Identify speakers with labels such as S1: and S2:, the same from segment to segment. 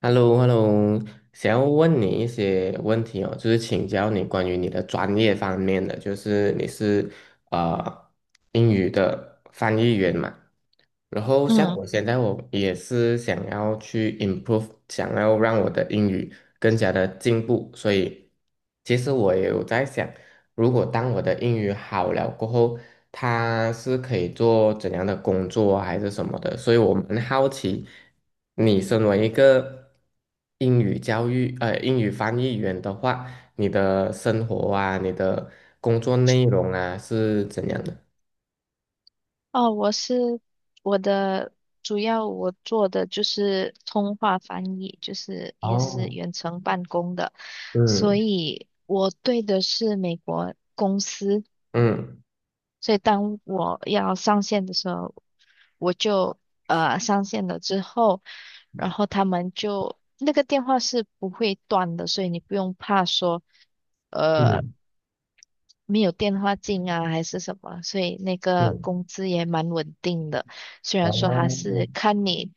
S1: Hello hello 想要问你一些问题哦，就是请教你关于你的专业方面的，就是你是呃英语的翻译员嘛？然后像
S2: 嗯，
S1: 我现在我也是想要去 improve，想要让我的英语更加的进步，所以其实我也有在想，如果当我的英语好了过后，它是可以做怎样的工作啊还是什么的，所以我蛮好奇，你身为一个英语翻译员的话，你的生活啊，你的工作内容啊是怎样的？
S2: 哦，我是我的主要我做的就是通话翻译，就是也是
S1: 哦，
S2: 远程办公的，所
S1: 嗯
S2: 以我对的是美国公司。
S1: 嗯
S2: 所以当我要上线的时候，我就上线了之后，然后他们就那个电话是不会断的，所以你不用怕说。呃。
S1: 嗯。
S2: 没有电话进啊，还是什么，所以那
S1: 是
S2: 个工资也蛮稳定的。虽然说他
S1: 哦，
S2: 是看你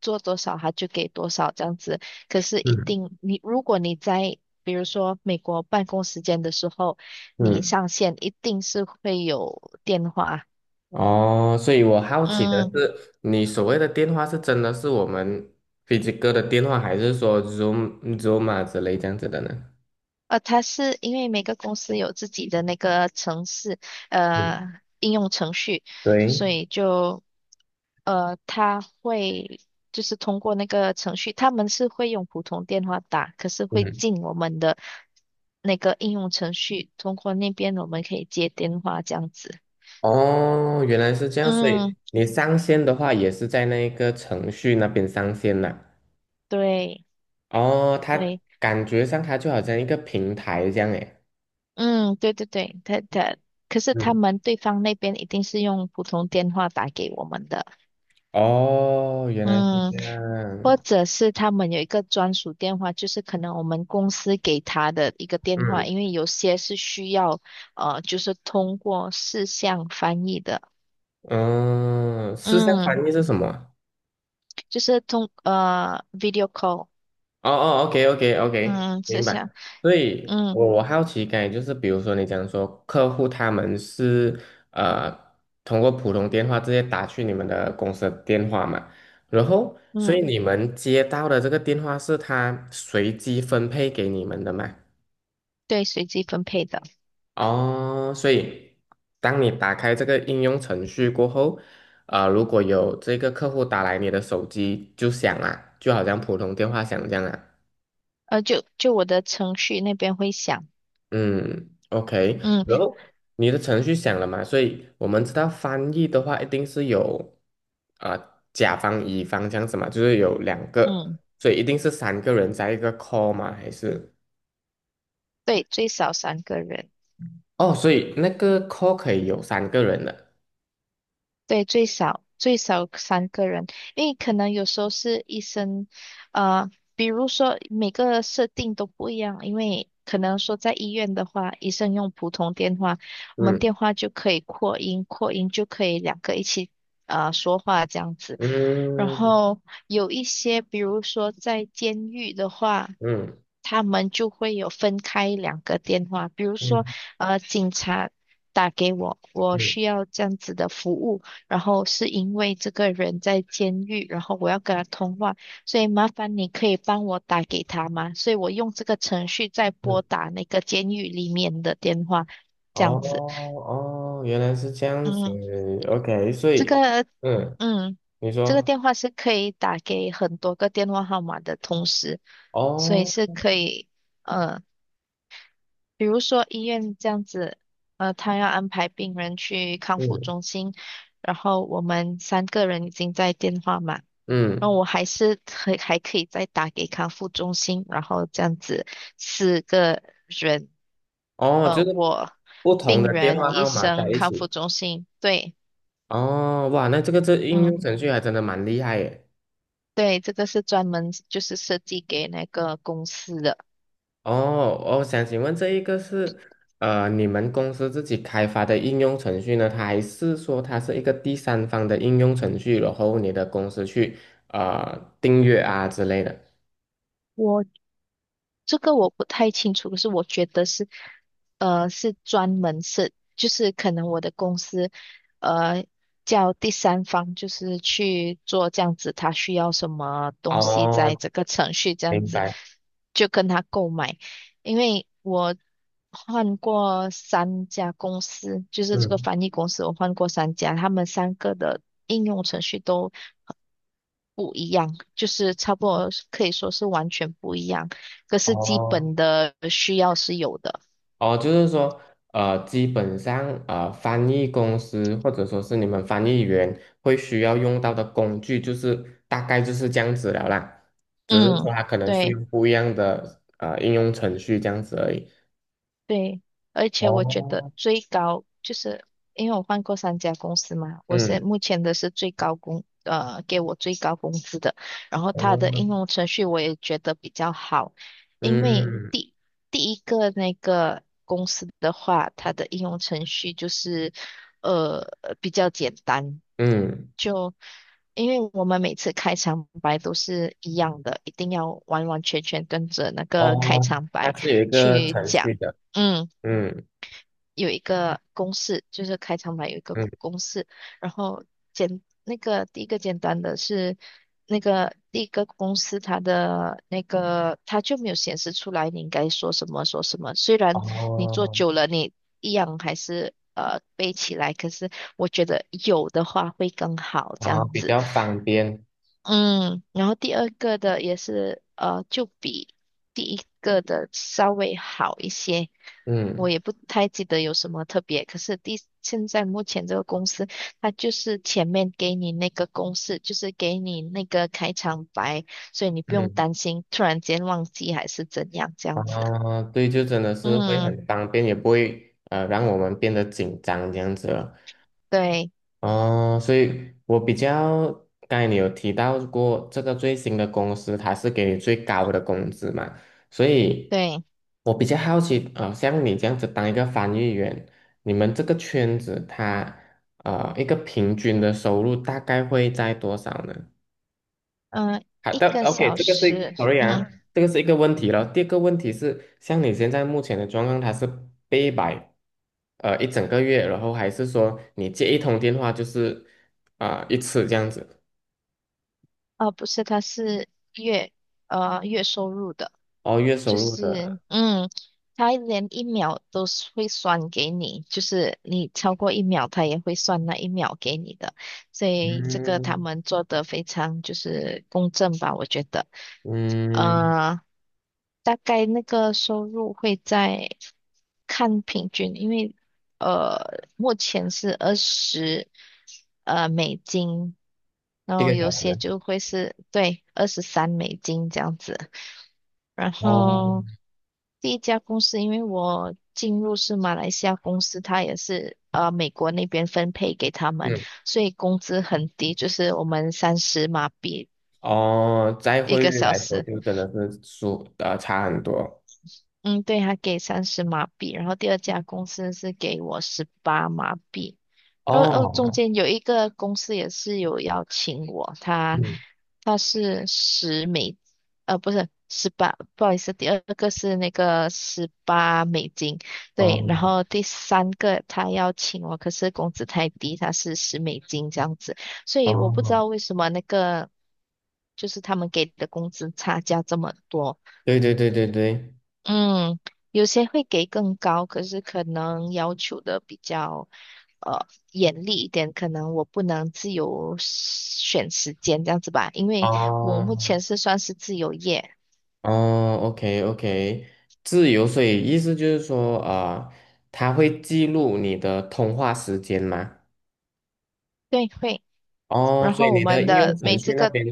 S2: 做多少，他就给多少这样子，可是一
S1: 嗯
S2: 定你如果你在比如说美国办公时间的时候，你
S1: 嗯，
S2: 上线一定是会有电话。
S1: 哦，所以我好奇的
S2: 嗯，
S1: 是，你所谓的电话是真的是我们飞机哥的电话，还是说 Zoom、Zoom 啊之类这样子的呢？
S2: 他是因为每个公司有自己的那个程式，
S1: 嗯
S2: 呃，应用程序，
S1: 对，
S2: 所以就。呃，他会就是通过那个程序，他们是会用普通电话打，可是
S1: 嗯，
S2: 会
S1: 嗯
S2: 进我们的那个应用程序，通过那边我们可以接电话这样子。
S1: 哦，原来是这样，所以
S2: 嗯，
S1: 你上线的话也是在那个程序那边上线啦。
S2: 对
S1: 哦，它
S2: 对。
S1: 感觉上它就好像一个平台这样诶。
S2: 嗯，对对对，可是他
S1: 嗯，
S2: 们对方那边一定是用普通电话打给我们的。
S1: 哦，原来是
S2: 嗯。
S1: 这
S2: 或
S1: 样。
S2: 者是他们有一个专属电话，就是可能我们公司给他的一个电话，
S1: 嗯，
S2: 因为有些是需要就是通过视像翻译的。
S1: 嗯，事项
S2: 嗯，
S1: 翻译是什么啊？
S2: 就是 video call。
S1: 哦哦，OK，OK，OK，
S2: 嗯，是
S1: 明
S2: 像，
S1: 白。所以，
S2: 嗯
S1: 我好奇，刚才就是，比如说你讲说客户他们是呃通过普通电话直接打去你们的公司的电话嘛，然后，所以
S2: 嗯，
S1: 你们接到的这个电话是他随机分配给你们的嘛？
S2: 对，随机分配的。
S1: 哦，所以当你打开这个应用程序过后，如果有这个客户打来你的手机就响了，就好像普通电话响这样啊。
S2: 就我的程序那边会响。
S1: 嗯，OK，
S2: 嗯
S1: 然后你的程序响了嘛？所以我们知道翻译的话，一定是有啊、甲方乙方这样子嘛，就是有两
S2: 嗯，
S1: 个，所以一定是三个人在一个 call 嘛，还是
S2: 对，最少三个人。
S1: 哦，所以那个 call 可以有三个人的，
S2: 对，最少最少三个人，因为可能有时候是医生，呃，比如说每个设定都不一样，因为可能说在医院的话，医生用普通电话，我们
S1: 嗯
S2: 电话就可以扩音，扩音就可以两个一起说话这样子。然
S1: 嗯
S2: 后有一些，比如说在监狱的话，
S1: 嗯
S2: 他们就会有分开两个电话，比如说
S1: 嗯
S2: 警察打给我，我
S1: 嗯
S2: 需要这样子的服务，然后是因为这个人在监狱，然后我要跟他通话，所以麻烦你可以帮我打给他吗？所以我用这个程序在
S1: 嗯，
S2: 拨打那个监狱里面的电话，
S1: 哦
S2: 这样子。
S1: 哦，原来是这样子
S2: 嗯，
S1: ，OK，所
S2: 这
S1: 以
S2: 个，
S1: 嗯，
S2: 嗯，
S1: 你
S2: 这个
S1: 说
S2: 电话是可以打给很多个电话号码的同时，所以
S1: 哦，
S2: 是可以，呃，比如说医院这样子，他要安排病人去康复
S1: 嗯
S2: 中心，然后我们三个人已经在电话嘛。然后
S1: 嗯。
S2: 我还可以再打给康复中心，然后这样子四个人，
S1: 哦，就是
S2: 我、
S1: 不同
S2: 病
S1: 的电
S2: 人、
S1: 话
S2: 医
S1: 号码在
S2: 生、
S1: 一
S2: 康
S1: 起。
S2: 复中心，对。
S1: 哦，哇，那这个应
S2: 嗯，
S1: 用程序还真的蛮厉害耶。
S2: 对，这个是专门就是设计给那个公司的。
S1: 哦，我想请问这一个是你们公司自己开发的应用程序呢，它还是说它是一个第三方的应用程序，然后你的公司去订阅啊之类的？
S2: 这个我不太清楚，可是我觉得是，是专门是，就是可能我的公司，呃，叫第三方，就是去做这样子，他需要什么东西，在
S1: 哦，
S2: 这个程序这样
S1: 明
S2: 子，
S1: 白。
S2: 就跟他购买。因为我换过三家公司，就是这个
S1: 嗯，
S2: 翻译公司，我换过三家，他们三个的应用程序都不一样，就是差不多可以说是完全不一样，可是基
S1: 哦，
S2: 本的需要是有的。
S1: 哦，就是说，基本上，翻译公司或者说是你们翻译员会需要用到的工具，就是大概就是这样子了啦。只是说
S2: 嗯，
S1: 它可能是
S2: 对。
S1: 用不一样的应用程序这样子而已。
S2: 对，而且我觉得
S1: 哦，
S2: 最高就是因为我换过三家公司嘛，我是
S1: 嗯，
S2: 目前的是最高工，呃，给我最高工资的。然后他的应
S1: 哦
S2: 用程序我也觉得比较好，因为
S1: 嗯
S2: 第一个那个公司的话，它的应用程序就是呃比较简单，
S1: 嗯，
S2: 就因为我们每次开场白都是一样的，一定要完完全全跟着那个开
S1: 哦，
S2: 场
S1: 它
S2: 白
S1: 是有一个
S2: 去
S1: 程
S2: 讲。
S1: 序的，
S2: 嗯，
S1: 嗯
S2: 有一个公式，就是开场白有一个
S1: 嗯，
S2: 公式。然后那个第一个简单的是那个第一个公式，它的那个它就没有显示出来你应该说什么说什么，虽然你做
S1: 哦，
S2: 久了你一样还是背起来，可是我觉得有的话会更好
S1: 然
S2: 这
S1: 后
S2: 样
S1: 比
S2: 子。
S1: 较方便，
S2: 嗯，然后第二个的也是就比第一个的稍微好一些。我
S1: 嗯
S2: 也不太记得有什么特别，可是第现在目前这个公司，它就是前面给你那个公式，就是给你那个开场白，所以你不用
S1: 嗯。
S2: 担心突然间忘记还是怎样这样子。
S1: 啊，对，就真的是会
S2: 嗯，
S1: 很方便，也不会让我们变得紧张这样子了。
S2: 对
S1: 哦，所以我比较，刚才你有提到过这个最新的公司，它是给你最高的工资嘛，所以
S2: 对。
S1: 我比较好奇，像你这样子当一个翻译员，你们这个圈子它一个平均的收入大概会在多少呢？
S2: 嗯、
S1: 好
S2: 一
S1: 的
S2: 个
S1: ，OK，嗯
S2: 小时。
S1: sorry 啊，
S2: 嗯，
S1: 嗯这个是一个问题了。第二个问题是，像你现在目前的状况，它是被摆一整个月，然后还是说你接一通电话就是啊、一次这样子？
S2: 哦，不是，它是月月收入的。
S1: 哦，月
S2: 就
S1: 收入
S2: 是，
S1: 的，
S2: 嗯，他连一秒都是会算给你，就是你超过一秒，他也会算那一秒给你的，所以这个他
S1: 嗯
S2: 们做的非常就是公正吧，我觉得。
S1: 嗯，
S2: 呃，大概那个收入会在看平均，因为呃，目前是二十美金，然
S1: 一
S2: 后
S1: 个
S2: 有
S1: 小
S2: 些
S1: 时，
S2: 就会是对23美金这样子。然
S1: 哦，
S2: 后第一家公司，因为我进入是马来西亚公司，它也是美国那边分配给他们，
S1: 嗯，
S2: 所以工资很低，就是我们三十马币
S1: 哦，在
S2: 一
S1: 汇
S2: 个
S1: 率
S2: 小
S1: 来说，
S2: 时。
S1: 就真的是差很多。
S2: 嗯，对，他给三十马币，然后第二家公司是给我18马币。然后哦，中
S1: 哦，
S2: 间有一个公司也是有邀请我，他
S1: 嗯，
S2: 他是十美，不是十八，不好意思，第二个是那个18美金，对。然
S1: 哦
S2: 后第三个他邀请我，可是工资太低，他是10美金这样子，所以我不知
S1: 哦，
S2: 道为什么那个就是他们给的工资差价这么多。
S1: 对对对对对，
S2: 嗯，有些会给更高，可是可能要求的比较。呃严厉一点，可能我不能自由选时间这样子吧，因为我目
S1: 哦。
S2: 前是算是自由业。
S1: 哦，OK OK，自由，所以意思就是说，啊，它会记录你的通话时间吗？
S2: 对，会。
S1: 哦，
S2: 然
S1: 所以
S2: 后我
S1: 你的
S2: 们
S1: 应用
S2: 的
S1: 程
S2: 每
S1: 序
S2: 这
S1: 那
S2: 个，
S1: 边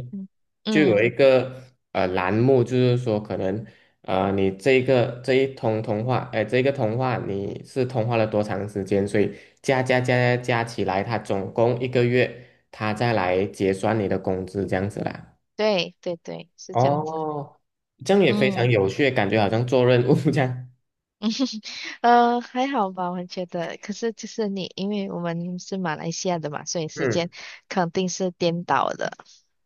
S1: 就
S2: 嗯，
S1: 有一个栏目，就是说可能你这一通通话，哎、这个通话你是通话了多长时间？所以加加加加加起来，它总共一个月，他再来结算你的工资这样子啦。
S2: 对对对，是这样子。
S1: 哦，这样也非常
S2: 嗯。
S1: 有趣，感觉好像做任务这样。
S2: 还好吧，我觉得。可是就是你，因为我们是马来西亚的嘛，所以时
S1: 嗯，
S2: 间肯定是颠倒的。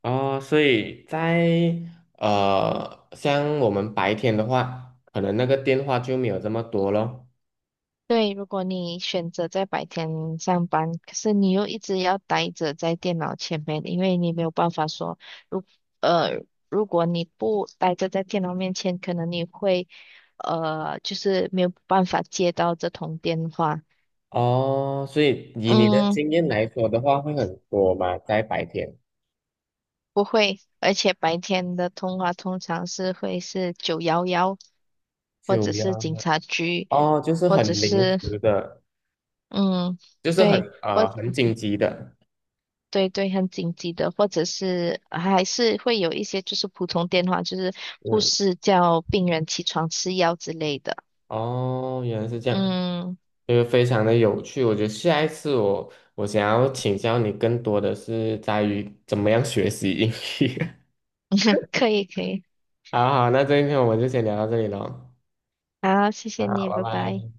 S1: 哦，所以像我们白天的话，可能那个电话就没有这么多咯。
S2: 对，如果你选择在白天上班，可是你又一直要待着在电脑前面，因为你没有办法说，如呃，如果你不待着在电脑面前，可能你会就是没有办法接到这通电话。
S1: 哦，所以以你的
S2: 嗯，
S1: 经验来说的话，会很多嘛，在白天
S2: 不会，而且白天的通话通常是会是911，或
S1: 就
S2: 者是
S1: 要
S2: 警察局，
S1: 哦，就是
S2: 或
S1: 很
S2: 者
S1: 临
S2: 是
S1: 时的，
S2: 嗯，
S1: 就是
S2: 对。
S1: 很紧急的。
S2: 对对，很紧急的，或者是还是会有一些就是普通电话，就是护
S1: 嗯，
S2: 士叫病人起床吃药之类的。
S1: 哦，原来是这样，
S2: 嗯，
S1: 就是非常的有趣。我觉得下一次我想要请教你更多的是在于怎么样学习英语。
S2: 可以可以。
S1: 好好，那这一篇我们就先聊到这里喽。
S2: 好，谢谢
S1: 啊，
S2: 你，
S1: 拜
S2: 拜拜。
S1: 拜。